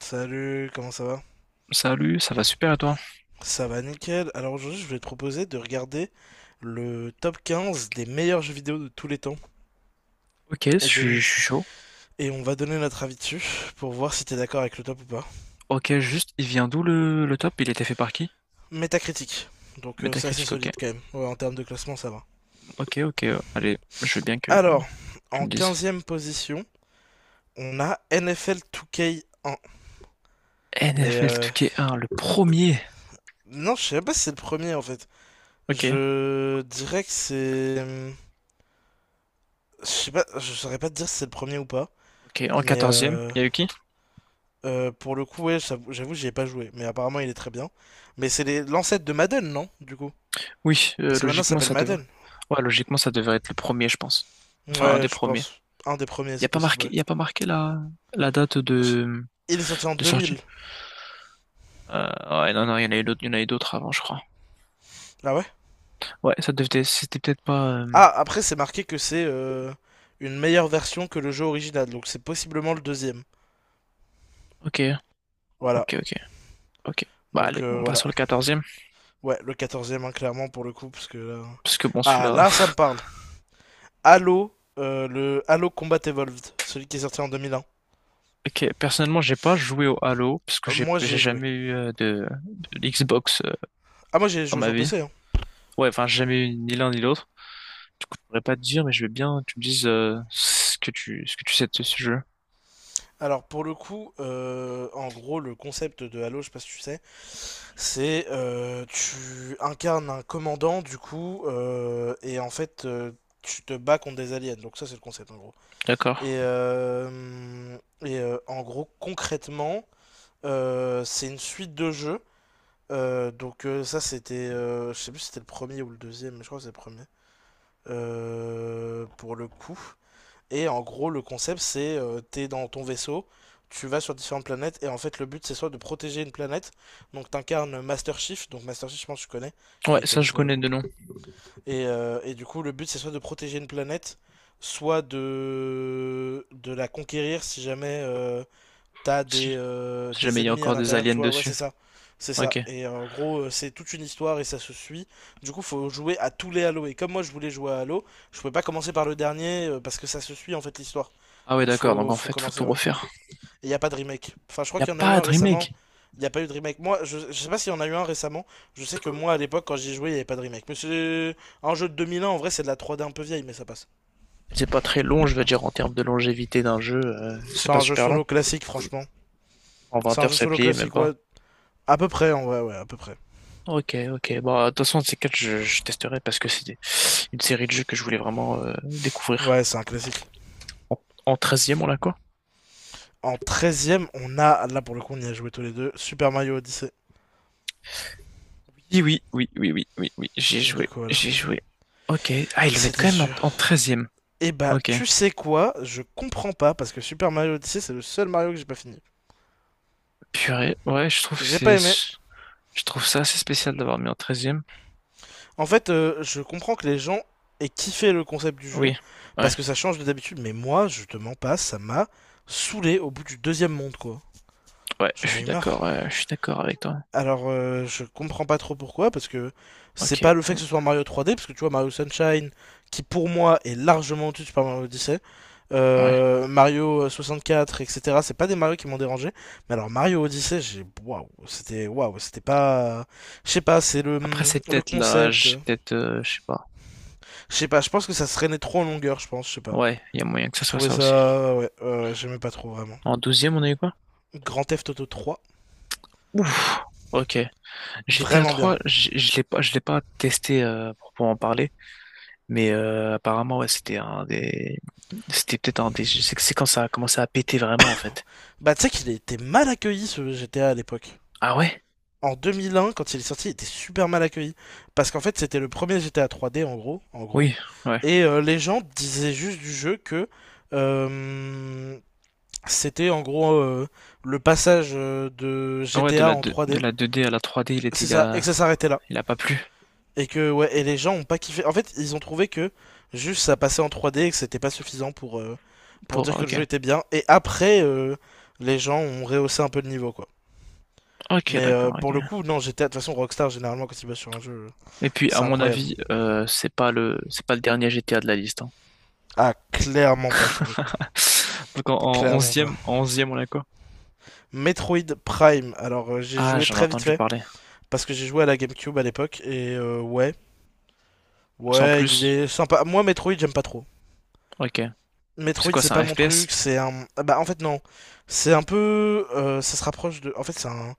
Salut, comment ça va? Salut, ça va super et toi? Ça va nickel. Alors aujourd'hui, je vais te proposer de regarder le top 15 des meilleurs jeux vidéo de tous les temps Ok, je et suis de je suis chaud. et on va donner notre avis dessus pour voir si t'es d'accord avec le top ou pas. Ok, juste, il vient d'où le top? Il était fait par qui? Métacritique. Donc c'est assez Metacritic, ok. solide quand même. Ouais, en termes de classement, ça va. Ok, ok, allez, je veux bien que Alors, tu en me dises. quinzième position, on a NFL 2K1. Mais NFL 2K1, le premier. non, je sais pas si c'est le premier en fait. Ok, Je dirais que c'est Je sais pas, je saurais pas te dire si c'est le premier ou pas, ok, en mais quatorzième, euh, il y a eu qui? Pour le coup, ouais, j'avoue, j'y ai pas joué, mais apparemment il est très bien. Mais c'est l'ancêtre de Madden, non? Du coup. Oui, Parce que maintenant ça logiquement, s'appelle ça devrait. Madden. Ouais, logiquement, ça devrait être le premier, je pense. Enfin, un Ouais, des je premiers. pense. Un des premiers, Il n'y c'est a pas possible, marqué, ouais. il y a pas marqué la date de, Il est sorti en de sortie? 2000. Ouais, non, non, il y en a eu d'autres, il y en a eu d'autres avant, je crois. Ah ouais? Ouais, ça devait, c'était peut-être pas. Ah, après c'est marqué que c'est une meilleure version que le jeu original, donc c'est possiblement le deuxième. Ok, Voilà. ok, ok. Ok. Bah Donc allez, on passe voilà. sur le quatorzième. Ouais, le 14e, hein, clairement, pour le coup, parce que là. Parce que bon, Ah, celui-là... là, ça me parle. Le Halo Combat Evolved, celui qui est sorti en 2001. Ok, personnellement, j'ai pas joué au Halo, parce que Euh, j'ai Moi, j'ai j'ai joué. jamais eu de Xbox Ah, moi, j'ai dans joué ma sur vie. PC, hein. Ouais, enfin, j'ai jamais eu ni l'un ni l'autre. Du coup, je pourrais pas te dire, mais je veux bien que tu me dises ce que tu sais de ce jeu. Alors pour le coup, en gros, le concept de Halo, je sais pas si tu sais, c'est tu incarnes un commandant du coup, et en fait tu te bats contre des aliens. Donc ça c'est le concept en gros. D'accord. Et, euh, et, en gros, concrètement, c'est une suite de jeux. Donc ça c'était, je sais plus si c'était le premier ou le deuxième, mais je crois que c'est le premier. Pour le coup. Et en gros, le concept, c'est t'es dans ton vaisseau, tu vas sur différentes planètes, et en fait, le but, c'est soit de protéger une planète, donc t'incarnes Master Chief, donc Master Chief, je pense que tu connais, Ouais, il est ça, connu je pour le connais coup. de nom. Et du coup, le but, c'est soit de, protéger une planète, soit de la conquérir si jamais t'as Si des, euh, si des jamais il y a ennemis à encore des l'intérieur, aliens tu vois. Ouais, c'est dessus. ça. C'est ça. Ok. Et en gros, c'est toute une histoire et ça se suit. Du coup, faut jouer à tous les Halo. Et comme moi, je voulais jouer à Halo, je pouvais pas commencer par le dernier parce que ça se suit en fait l'histoire. Ah ouais, Donc, d'accord, donc faut, en faut fait, faut tout commencer, ouais. refaire. Et y a pas de remake. Enfin, je Il crois n'y a qu'il y en a eu pas un de récemment. remake. Il n'y a pas eu de remake. Moi, je sais pas s'il y en a eu un récemment. Je sais que moi, à l'époque, quand j'y jouais, il n'y avait pas de remake. Mais c'est un jeu de 2001. En vrai, c'est de la 3D un peu vieille, mais ça passe. C'est pas très long, je veux dire, en termes de longévité d'un jeu, c'est C'est pas un jeu super long. solo classique, franchement. En C'est 20 un heures, jeu c'est solo plié, même classique, pas. ouais. À peu près, en vrai, ouais, à peu près. Ok, ok. Bon, de toute façon, ces quatre, je testerai parce que une série de jeux que je voulais vraiment découvrir. Ouais, c'est un classique. En, en 13 on l'a quoi? En treizième on a, là pour le coup, on y a joué tous les deux, Super Mario Odyssey. Oui, oui, oui, oui, oui, oui, oui. J'ai Du joué, coup, voilà. j'ai joué. Ok. Ah, ils le mettent C'était quand même en, sûr. en 13. Et bah, Ok. tu sais quoi? Je comprends pas parce que Super Mario Odyssey, c'est le seul Mario que j'ai pas fini. Purée. Ouais, J'ai pas aimé. je trouve ça assez spécial d'avoir mis en treizième. En fait, je comprends que les gens aient kiffé le concept du jeu Oui, ouais, parce que ça change de d'habitude, mais moi, je te mens pas, ça m'a saoulé au bout du deuxième monde, quoi. ouais, J'en ai eu marre. Je suis d'accord avec toi. Alors, je comprends pas trop pourquoi, parce que c'est Ok, pas le fait que bon, ce soit Mario 3D, parce que tu vois, Mario Sunshine, qui pour moi est largement au-dessus de Super Mario Odyssey, ouais. Mario 64, etc., c'est pas des Mario qui m'ont dérangé, mais alors Mario Odyssey, j'ai. Waouh, c'était. Waouh, c'était pas. Je sais pas, c'est le, Après, c'est le peut-être concept. l'âge, peut-être, je sais pas. Je sais pas, je pense que ça se traînait trop en longueur, je pense, je sais pas. Ouais, il y a moyen que ça Je soit trouvais ça aussi. ça. Ouais, j'aimais pas trop vraiment. En douzième, on a eu quoi? Grand Theft Auto 3, Ouf, ok. GTA vraiment bien. trois, je l'ai pas testé pour en parler, mais apparemment ouais, c'était c'était peut-être un des, je sais que c'est quand ça a commencé à péter vraiment en fait. Bah, tu sais qu'il était mal accueilli ce GTA à l'époque. Ah ouais? En 2001, quand il est sorti, il était super mal accueilli. Parce qu'en fait, c'était le premier GTA 3D, en gros. En gros. Oui, ouais, Et les gens disaient juste du jeu que euh, c'était en gros le passage de ah ouais de GTA la en 2, de 3D. la 2D à la 3D, il était C'est il ça, et que a, ça s'arrêtait là. il a pas plu Et que, ouais, et les gens ont pas kiffé. En fait, ils ont trouvé que juste ça passait en 3D et que c'était pas suffisant pour pour. dire que le Ok, jeu était bien. Et après, les gens ont rehaussé un peu le niveau, quoi. ok, Mais d'accord, ok. pour le coup, non, GTA, de toute façon, Rockstar, généralement, quand ils bossent sur un jeu, Et puis à c'est mon incroyable. avis, c'est pas le dernier GTA de la liste, hein. Ah, clairement pas pour le coup. Donc en, en Clairement pas. onzième en 11 on a quoi? Metroid Prime. Alors, j'ai Ah, joué j'en ai très vite entendu fait parler. parce que j'ai joué à la GameCube à l'époque et ouais, Sans ouais, il plus. est sympa. Moi, Metroid, j'aime pas trop. Ok. C'est Metroid, quoi, c'est c'est pas un mon FPS? truc. C'est un, ah bah en fait non, c'est un peu, ça se rapproche de. En fait, c'est un,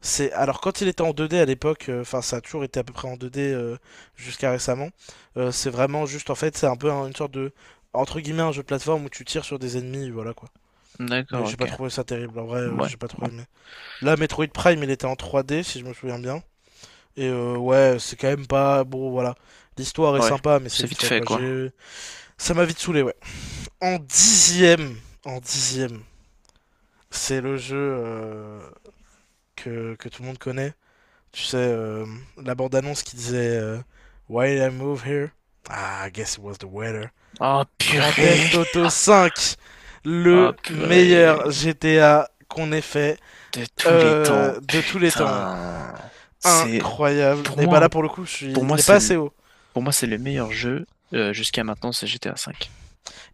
c'est alors quand il était en 2D à l'époque, enfin, ça a toujours été à peu près en 2D jusqu'à récemment. C'est vraiment juste en fait, c'est un peu une sorte de entre guillemets un jeu de plateforme où tu tires sur des ennemis, voilà quoi. Mais D'accord, j'ai pas ok. trouvé ça terrible, en vrai, Ouais, j'ai pas trop bon. aimé. Là, Metroid Prime, il était en 3D, si je me souviens bien. Et ouais, c'est quand même pas. Bon, voilà. L'histoire est Ouais, sympa, mais c'est c'est vite vite fait, fait, quoi. quoi. J'ai. Ça m'a vite saoulé, ouais. En dixième, c'est le jeu que tout le monde connaît. Tu sais, la bande-annonce qui disait Why did I move here? Ah, I guess it was the weather. Ah, Grand purée! Theft Auto 5, Ah, le purée. meilleur GTA qu'on ait fait De tous les temps, de tous les temps. putain. C'est, Incroyable. pour Et moi, bah là, hein, pour le coup, je suis. pour moi, Il est pas c'est le, assez haut. C'est le meilleur jeu, jusqu'à maintenant, c'est GTA V.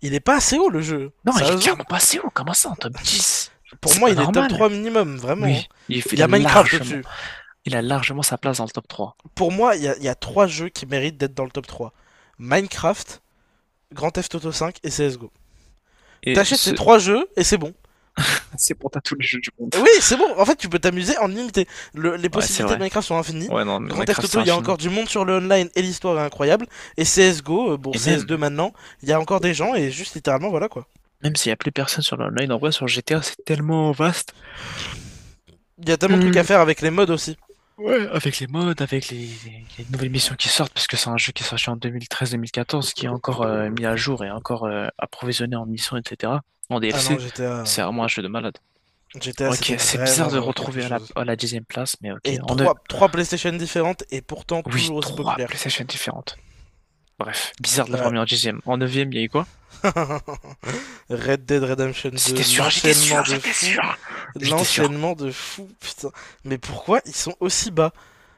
Il est pas assez haut le jeu, Non, il est sérieusement. clairement passé haut, comment ça, en top dix. Pour C'est moi, pas il est top normal. 3 minimum, vraiment, hein. Oui, Il y a Minecraft au-dessus. il a largement sa place dans le top trois. Pour moi, il y a 3 jeux qui méritent d'être dans le top trois: Minecraft, Grand Theft Auto 5 et CSGO. Et T'achètes ces ce, 3 jeux et c'est bon. c'est pour t'as tous les jeux du monde. Oui, c'est bon. En fait, tu peux t'amuser en illimité. Les Ouais, c'est possibilités de vrai. Minecraft sont infinies. Ouais, non, mais Grand Theft Minecraft, c'est Auto, il y a infini. encore du monde sur le online et l'histoire est incroyable. Et CSGO, bon, Et CS2 même, maintenant, il y a encore des gens et juste littéralement, voilà quoi. même s'il y a plus personne sur l'online, en vrai, sur GTA, c'est tellement vaste. Il y a tellement de trucs à Euh, faire avec les mods aussi. ouais, avec les modes, les nouvelles missions qui sortent, parce que c'est un jeu qui est sorti en deux mille treize mille quatorze qui est encore mis à jour et encore approvisionné en missions, etc. En Ah non, DLC, GTA, c'est vraiment un jeu de malade. GTA Ok, c'était c'est vraiment bizarre de vraiment quelque retrouver à la, chose. à la dixième place, mais ok. Et En neuf... trois PlayStation différentes et pourtant Oui, toujours aussi trois populaires. PlayStation différentes. Bref, bizarre de l'avoir Ouais. mis en dixième. En neuvième, il y a eu quoi? Red Dead Redemption C'était 2, sûr, j'étais sûr, j'étais sûr! J'étais sûr. l'enchaînement de fou, putain. Mais pourquoi ils sont aussi bas?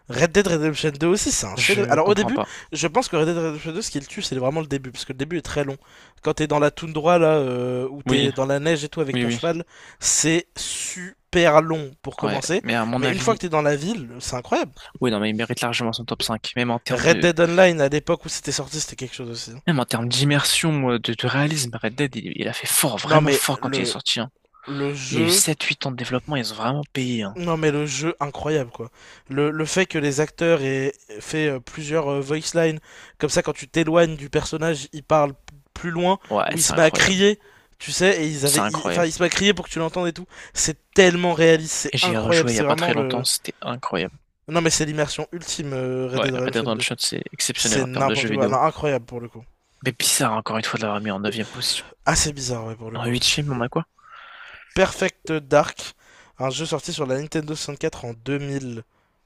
Red Dead Redemption 2 aussi, c'est un chef. Je Alors au comprends début, pas. je pense que Red Dead Redemption 2, ce qui le tue, c'est vraiment le début, parce que le début est très long. Quand t'es dans la toundra, là, où Oui, t'es dans la neige et tout avec oui, ton oui. cheval, c'est super long pour Ouais, commencer. mais à mon Mais une fois avis, que t'es dans la ville, c'est incroyable. oui, non, mais il mérite largement son top cinq, même en termes Red de. Dead Online, à l'époque où c'était sorti, c'était quelque chose aussi, hein. Même en termes d'immersion, de réalisme, Red Dead, il a fait fort, Non vraiment mais fort quand il est sorti, hein. le Il y jeu a ans de développement, ils ont vraiment payé, hein. Non mais le jeu incroyable quoi. Le fait que les acteurs aient fait plusieurs voice lines, comme ça quand tu t'éloignes du personnage, il parle plus loin, Ouais, ou il c'est se met à incroyable. crier, tu sais, et ils C'est avaient, enfin incroyable. il se met à crier pour que tu l'entendes et tout. C'est tellement réaliste, c'est Et j'y ai incroyable, rejoué il y a c'est pas vraiment très longtemps, le. c'était incroyable. Non mais c'est l'immersion ultime Red Ouais, Dead Red Dead Redemption 2. Redemption, c'est exceptionnel C'est en termes de jeux n'importe quoi, non vidéo. incroyable pour le coup. Mais bizarre, encore une fois, de l'avoir mis en 9e position. Assez bizarre ouais pour le En coup. 8e, on a quoi? Perfect Dark, un jeu sorti sur la Nintendo 64 en 2000.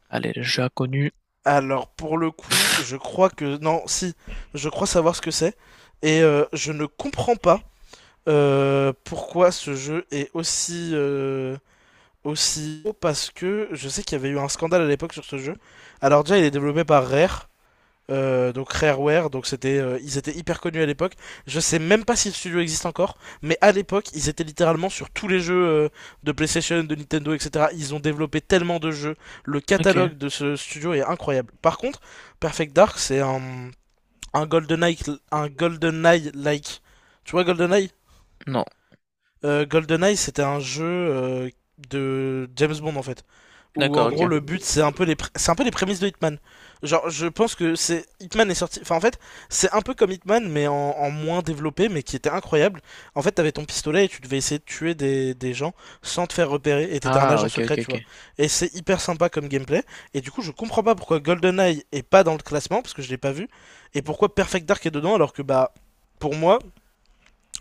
Allez, le jeu inconnu. Alors, pour le coup, je crois que. Non, si, je crois savoir ce que c'est. Et je ne comprends pas pourquoi ce jeu est aussi. Aussi haut, parce que je sais qu'il y avait eu un scandale à l'époque sur ce jeu. Alors déjà, il est développé par Rare. Donc Rareware, donc ils étaient hyper connus à l'époque. Je sais même pas si le studio existe encore, mais à l'époque, ils étaient littéralement sur tous les jeux de PlayStation, de Nintendo, etc. Ils ont développé tellement de jeux. Le Ok. catalogue de ce studio est incroyable. Par contre, Perfect Dark, c'est un GoldenEye, un GoldenEye-like. Tu vois GoldenEye Non. GoldenEye, c'était un jeu de James Bond en fait, où en D'accord, gros ok. le but c'est un peu les c'est un peu les prémices de Hitman. Genre, je pense que c'est Hitman est sorti. Enfin, en fait, c'est un peu comme Hitman, mais en moins développé, mais qui était incroyable. En fait, t'avais ton pistolet et tu devais essayer de tuer des gens sans te faire repérer, et t'étais un Ah, agent ok, ok, secret, tu ok. vois. Et c'est hyper sympa comme gameplay. Et du coup, je comprends pas pourquoi GoldenEye est pas dans le classement, parce que je l'ai pas vu, et pourquoi Perfect Dark est dedans, alors que bah, pour moi,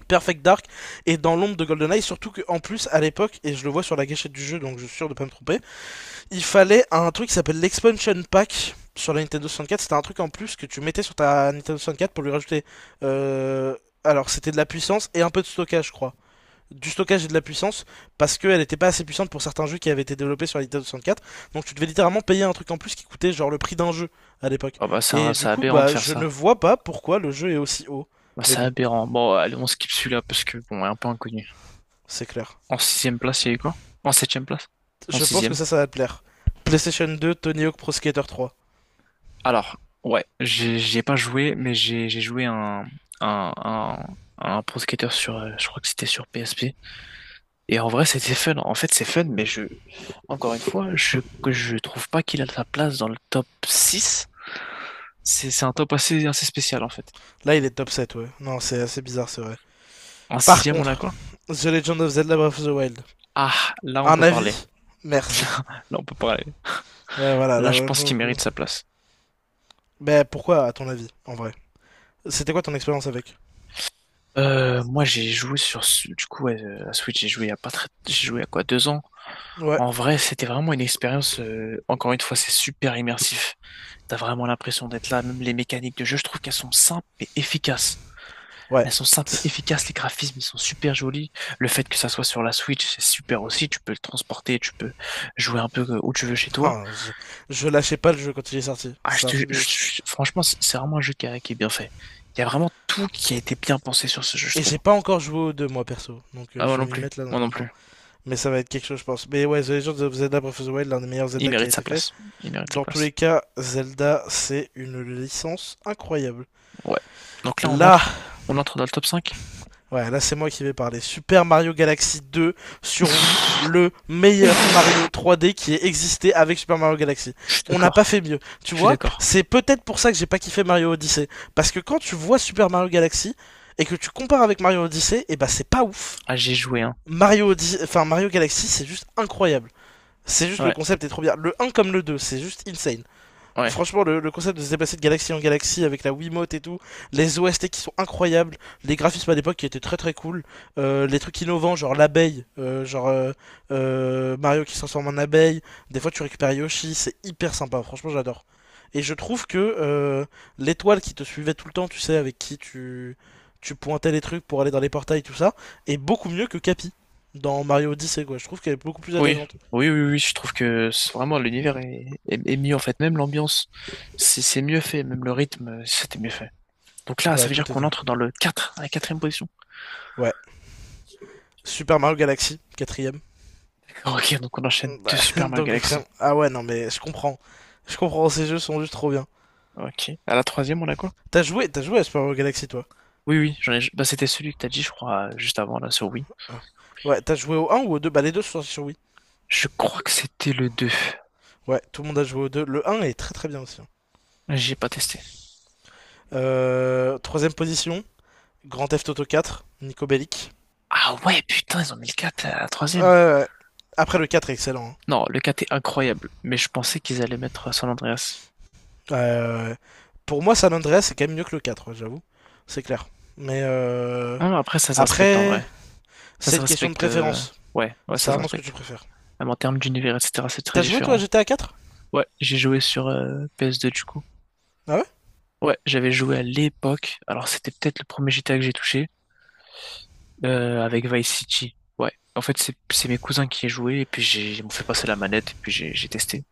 Perfect Dark est dans l'ombre de GoldenEye, surtout qu'en plus, à l'époque, et je le vois sur la gâchette du jeu, donc je suis sûr de pas me tromper, il fallait un truc qui s'appelle l'Expansion Pack sur la Nintendo 64. C'était un truc en plus que tu mettais sur ta Nintendo 64 pour lui rajouter. euh, Alors, c'était de la puissance et un peu de stockage, je crois. Du stockage et de la puissance, parce qu'elle n'était pas assez puissante pour certains jeux qui avaient été développés sur la Nintendo 64. Donc, tu devais littéralement payer un truc en plus qui coûtait genre le prix d'un jeu à l'époque. Oh bah, Et c'est du coup, aberrant de bah, faire je ne ça. vois pas pourquoi le jeu est aussi haut. Bah, Mais c'est bon, aberrant. Bon, allez, on skip celui-là parce que, bon, il est un peu inconnu. c'est clair. En sixième place, il y a eu quoi? En septième place? En Je pense que sixième. ça va te plaire. PlayStation 2, Tony Hawk Pro Skater 3. Alors, ouais, j'y ai pas joué, mais j'ai joué un, un, un Pro Skater sur, je crois que c'était sur PSP. Et en vrai, c'était fun. En fait, c'est fun, mais encore une fois, que je trouve pas qu'il a sa place dans le top 6. C'est un top assez, assez spécial, en fait. Là, il est top 7, ouais. Non, c'est assez bizarre, c'est vrai. En Par sixième, on a contre, quoi? The Legend of Zelda Breath of the Wild. Ah, là, on Un peut parler. avis. Merci. Là, on peut parler. Ouais, voilà, Là, là, je ouais, pense pour le qu'il coup. mérite sa place. Mais pourquoi, à ton avis, en vrai? C'était quoi ton expérience avec? Moi, j'ai joué sur, du coup, ouais, à Switch, j'ai joué il y a pas très, j'ai joué à quoi, deux ans? Ouais, En vrai, c'était vraiment une expérience, encore une fois, c'est super immersif. T'as vraiment l'impression d'être là, même les mécaniques de jeu, je trouve qu'elles sont simples et efficaces. ouais. Elles sont simples et efficaces, les graphismes, ils sont super jolis. Le fait que ça soit sur la Switch, c'est super aussi, tu peux le transporter, tu peux jouer un peu où tu veux chez toi. Ah, je lâchais pas le jeu quand il est sorti. Ah, je C'est un te, truc de ouf. je- franchement, c'est vraiment un jeu qui est bien fait. Il y a vraiment tout qui a été bien pensé sur ce jeu, je Et trouve. j'ai pas encore joué aux deux, moi, perso. Donc, Ah, moi je non vais m'y plus, mettre là dans moi pas non longtemps. plus. Mais ça va être quelque chose, je pense. Mais ouais, The Legend of Zelda Breath of the Wild, l'un des meilleurs Il Zelda qui a mérite sa été fait. place. Il mérite sa Dans tous place. les cas, Zelda, c'est une licence incroyable. Ouais. Donc là, Là, on entre dans le top 5. ouais, là c'est moi qui vais parler. Super Mario Galaxy 2 sur Wii, le meilleur Mario 3D qui ait existé avec Super Mario Galaxy. Je suis On n'a pas d'accord. fait mieux. Tu Je suis vois, d'accord. c'est peut-être pour ça que j'ai pas kiffé Mario Odyssey. Parce que quand tu vois Super Mario Galaxy et que tu compares avec Mario Odyssey, et bah c'est pas ouf. Ah, j'ai joué, hein. Enfin, Mario Galaxy, c'est juste incroyable. C'est juste le Ouais, concept est trop bien. Le un comme le 2, c'est juste insane. ouais. Franchement, le concept de se déplacer de galaxie en galaxie avec la Wiimote et tout, les OST qui sont incroyables, les graphismes à l'époque qui étaient très très cool, les trucs innovants, genre l'abeille, Mario qui se transforme en abeille, des fois tu récupères Yoshi, c'est hyper sympa, franchement j'adore. Et je trouve que l'étoile qui te suivait tout le temps, tu sais, avec qui tu pointais les trucs pour aller dans les portails, tout ça, est beaucoup mieux que Capi dans Mario Odyssey, quoi. Je trouve qu'elle est beaucoup plus Oui, attachante. oui, oui, oui. Je trouve que c'est vraiment l'univers est mieux en fait. Même l'ambiance, c'est mieux fait. Même le rythme, c'était mieux fait. Donc là, ça Ouais, veut dire tout qu'on était. entre dans le 4, à la quatrième position. Ouais. Super Mario Galaxy, quatrième. Ok, donc on enchaîne deux Bah, Super Mario donc Galaxy. vraiment. Ah ouais, non, mais je comprends. Je comprends, ces jeux sont juste trop bien. Ok. À la troisième, on a quoi? T'as joué à Super Mario Galaxy, toi? Oui, oui, bah, c'était celui que t'as dit, je crois, juste avant, là, sur Wii. Ah. Ouais, t'as joué au un ou au deux? Bah, les deux sont sortis sur Wii. Je crois que c'était le 2. Ouais, tout le monde a joué au deux. Le un est très très bien aussi, hein. J'ai pas testé. Troisième position, Grand Theft Auto 4, Nico Bellic. Ah ouais, putain, ils ont mis le 4 à la troisième. Euh, Après, le 4 est excellent, hein. Non, le 4 est incroyable, mais je pensais qu'ils allaient mettre San Andreas. Euh, pour moi, San Andreas, c'est quand même mieux que le quatre, ouais, j'avoue. C'est clair. Mais euh, Non, non, après, ça se respecte en après, vrai. Ça c'est se une question de respecte. préférence. Ouais, ouais, C'est ça se vraiment ce que tu respecte. préfères. Même en termes d'univers, etc., c'est très T'as joué, toi, à différent. GTA 4? Ouais, j'ai joué sur PS2 du coup. Ah ouais? Ouais, j'avais joué à l'époque. Alors, c'était peut-être le premier GTA que j'ai touché avec Vice City. Ouais, en fait, c'est mes cousins qui y jouaient et puis j'ai ils m'ont fait passer la manette et puis j'ai testé.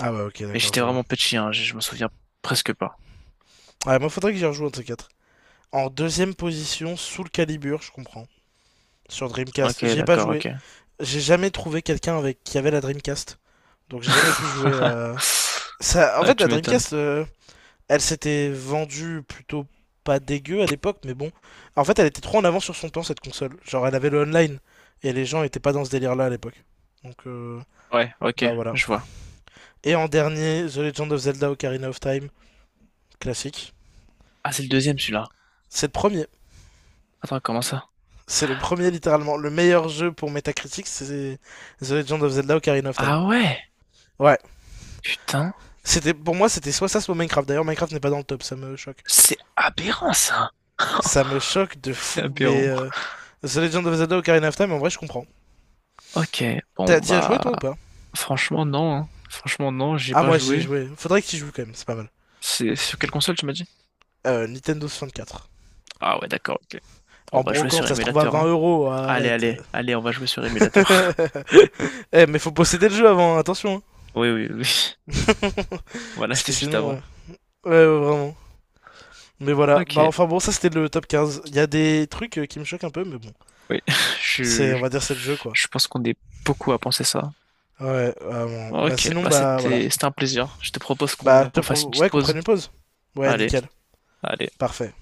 Ah ouais, ok, Et d'accord, j'étais je vraiment vois. petit, hein, je me souviens presque pas. Ouais, moi, faudrait que j'y rejoue un de ces quatre. En deuxième position, Soul Calibur, je comprends. Sur Ok, Dreamcast, j'y ai pas d'accord, ok. joué. J'ai jamais trouvé quelqu'un avec qui avait la Dreamcast. Donc j'ai jamais pu jouer. Ça... En Ah, fait, la tu m'étonnes. Dreamcast, euh, elle s'était vendue plutôt pas dégueu à l'époque, mais bon. En fait, elle était trop en avance sur son temps, cette console. Genre, elle avait le online. Et les gens étaient pas dans ce délire-là à l'époque. Donc, Ouais, ok, bah voilà. je vois. Et en dernier, The Legend of Zelda Ocarina of Time, classique. Ah, c'est le deuxième celui-là. C'est le premier. Attends, comment ça? C'est le premier, littéralement. Le meilleur jeu pour Metacritic, c'est The Legend of Zelda Ocarina of Time. Ah ouais, Ouais. putain, C'était, pour moi, c'était soit ça, soit Minecraft. D'ailleurs, Minecraft n'est pas dans le top, ça me choque. c'est aberrant ça. Ça me choque de C'est fou, aberrant. The Legend of Zelda Ocarina of Time, en vrai, je comprends. Ok, bon T'y as joué, toi, ou bah, pas? franchement non, hein. Franchement non, j'ai Ah, pas moi, j'y ai joué. joué. Faudrait que tu joues, quand même, c'est pas mal. C'est sur quelle console tu m'as dit? Nintendo 64. Ah ouais, d'accord, ok. On En va jouer brocante, sur ça se trouve à émulateur, 20 hein. euros, Allez, arrête. allez, allez, on va jouer sur émulateur. Eh, mais faut posséder le jeu avant, attention, Oui, oui, oui. hein. On va Parce l'acheter que juste sinon, avant. ouais. Ouais, ouais, vraiment. Mais voilà, bah Ok, enfin bon, ça c'était le top quinze. Il y a des trucs qui me choquent un peu, mais bon, oui. Je, c'est, on je va dire, c'est le jeu quoi. je pense qu'on est beaucoup à penser ça. Ouais, bon, bah Ok, sinon, bah bah voilà. c'était un plaisir. Je te propose qu'on qu'on fasse une petite Ouais, qu'on pause. prenne une pause. Ouais, Allez, nickel, allez. parfait.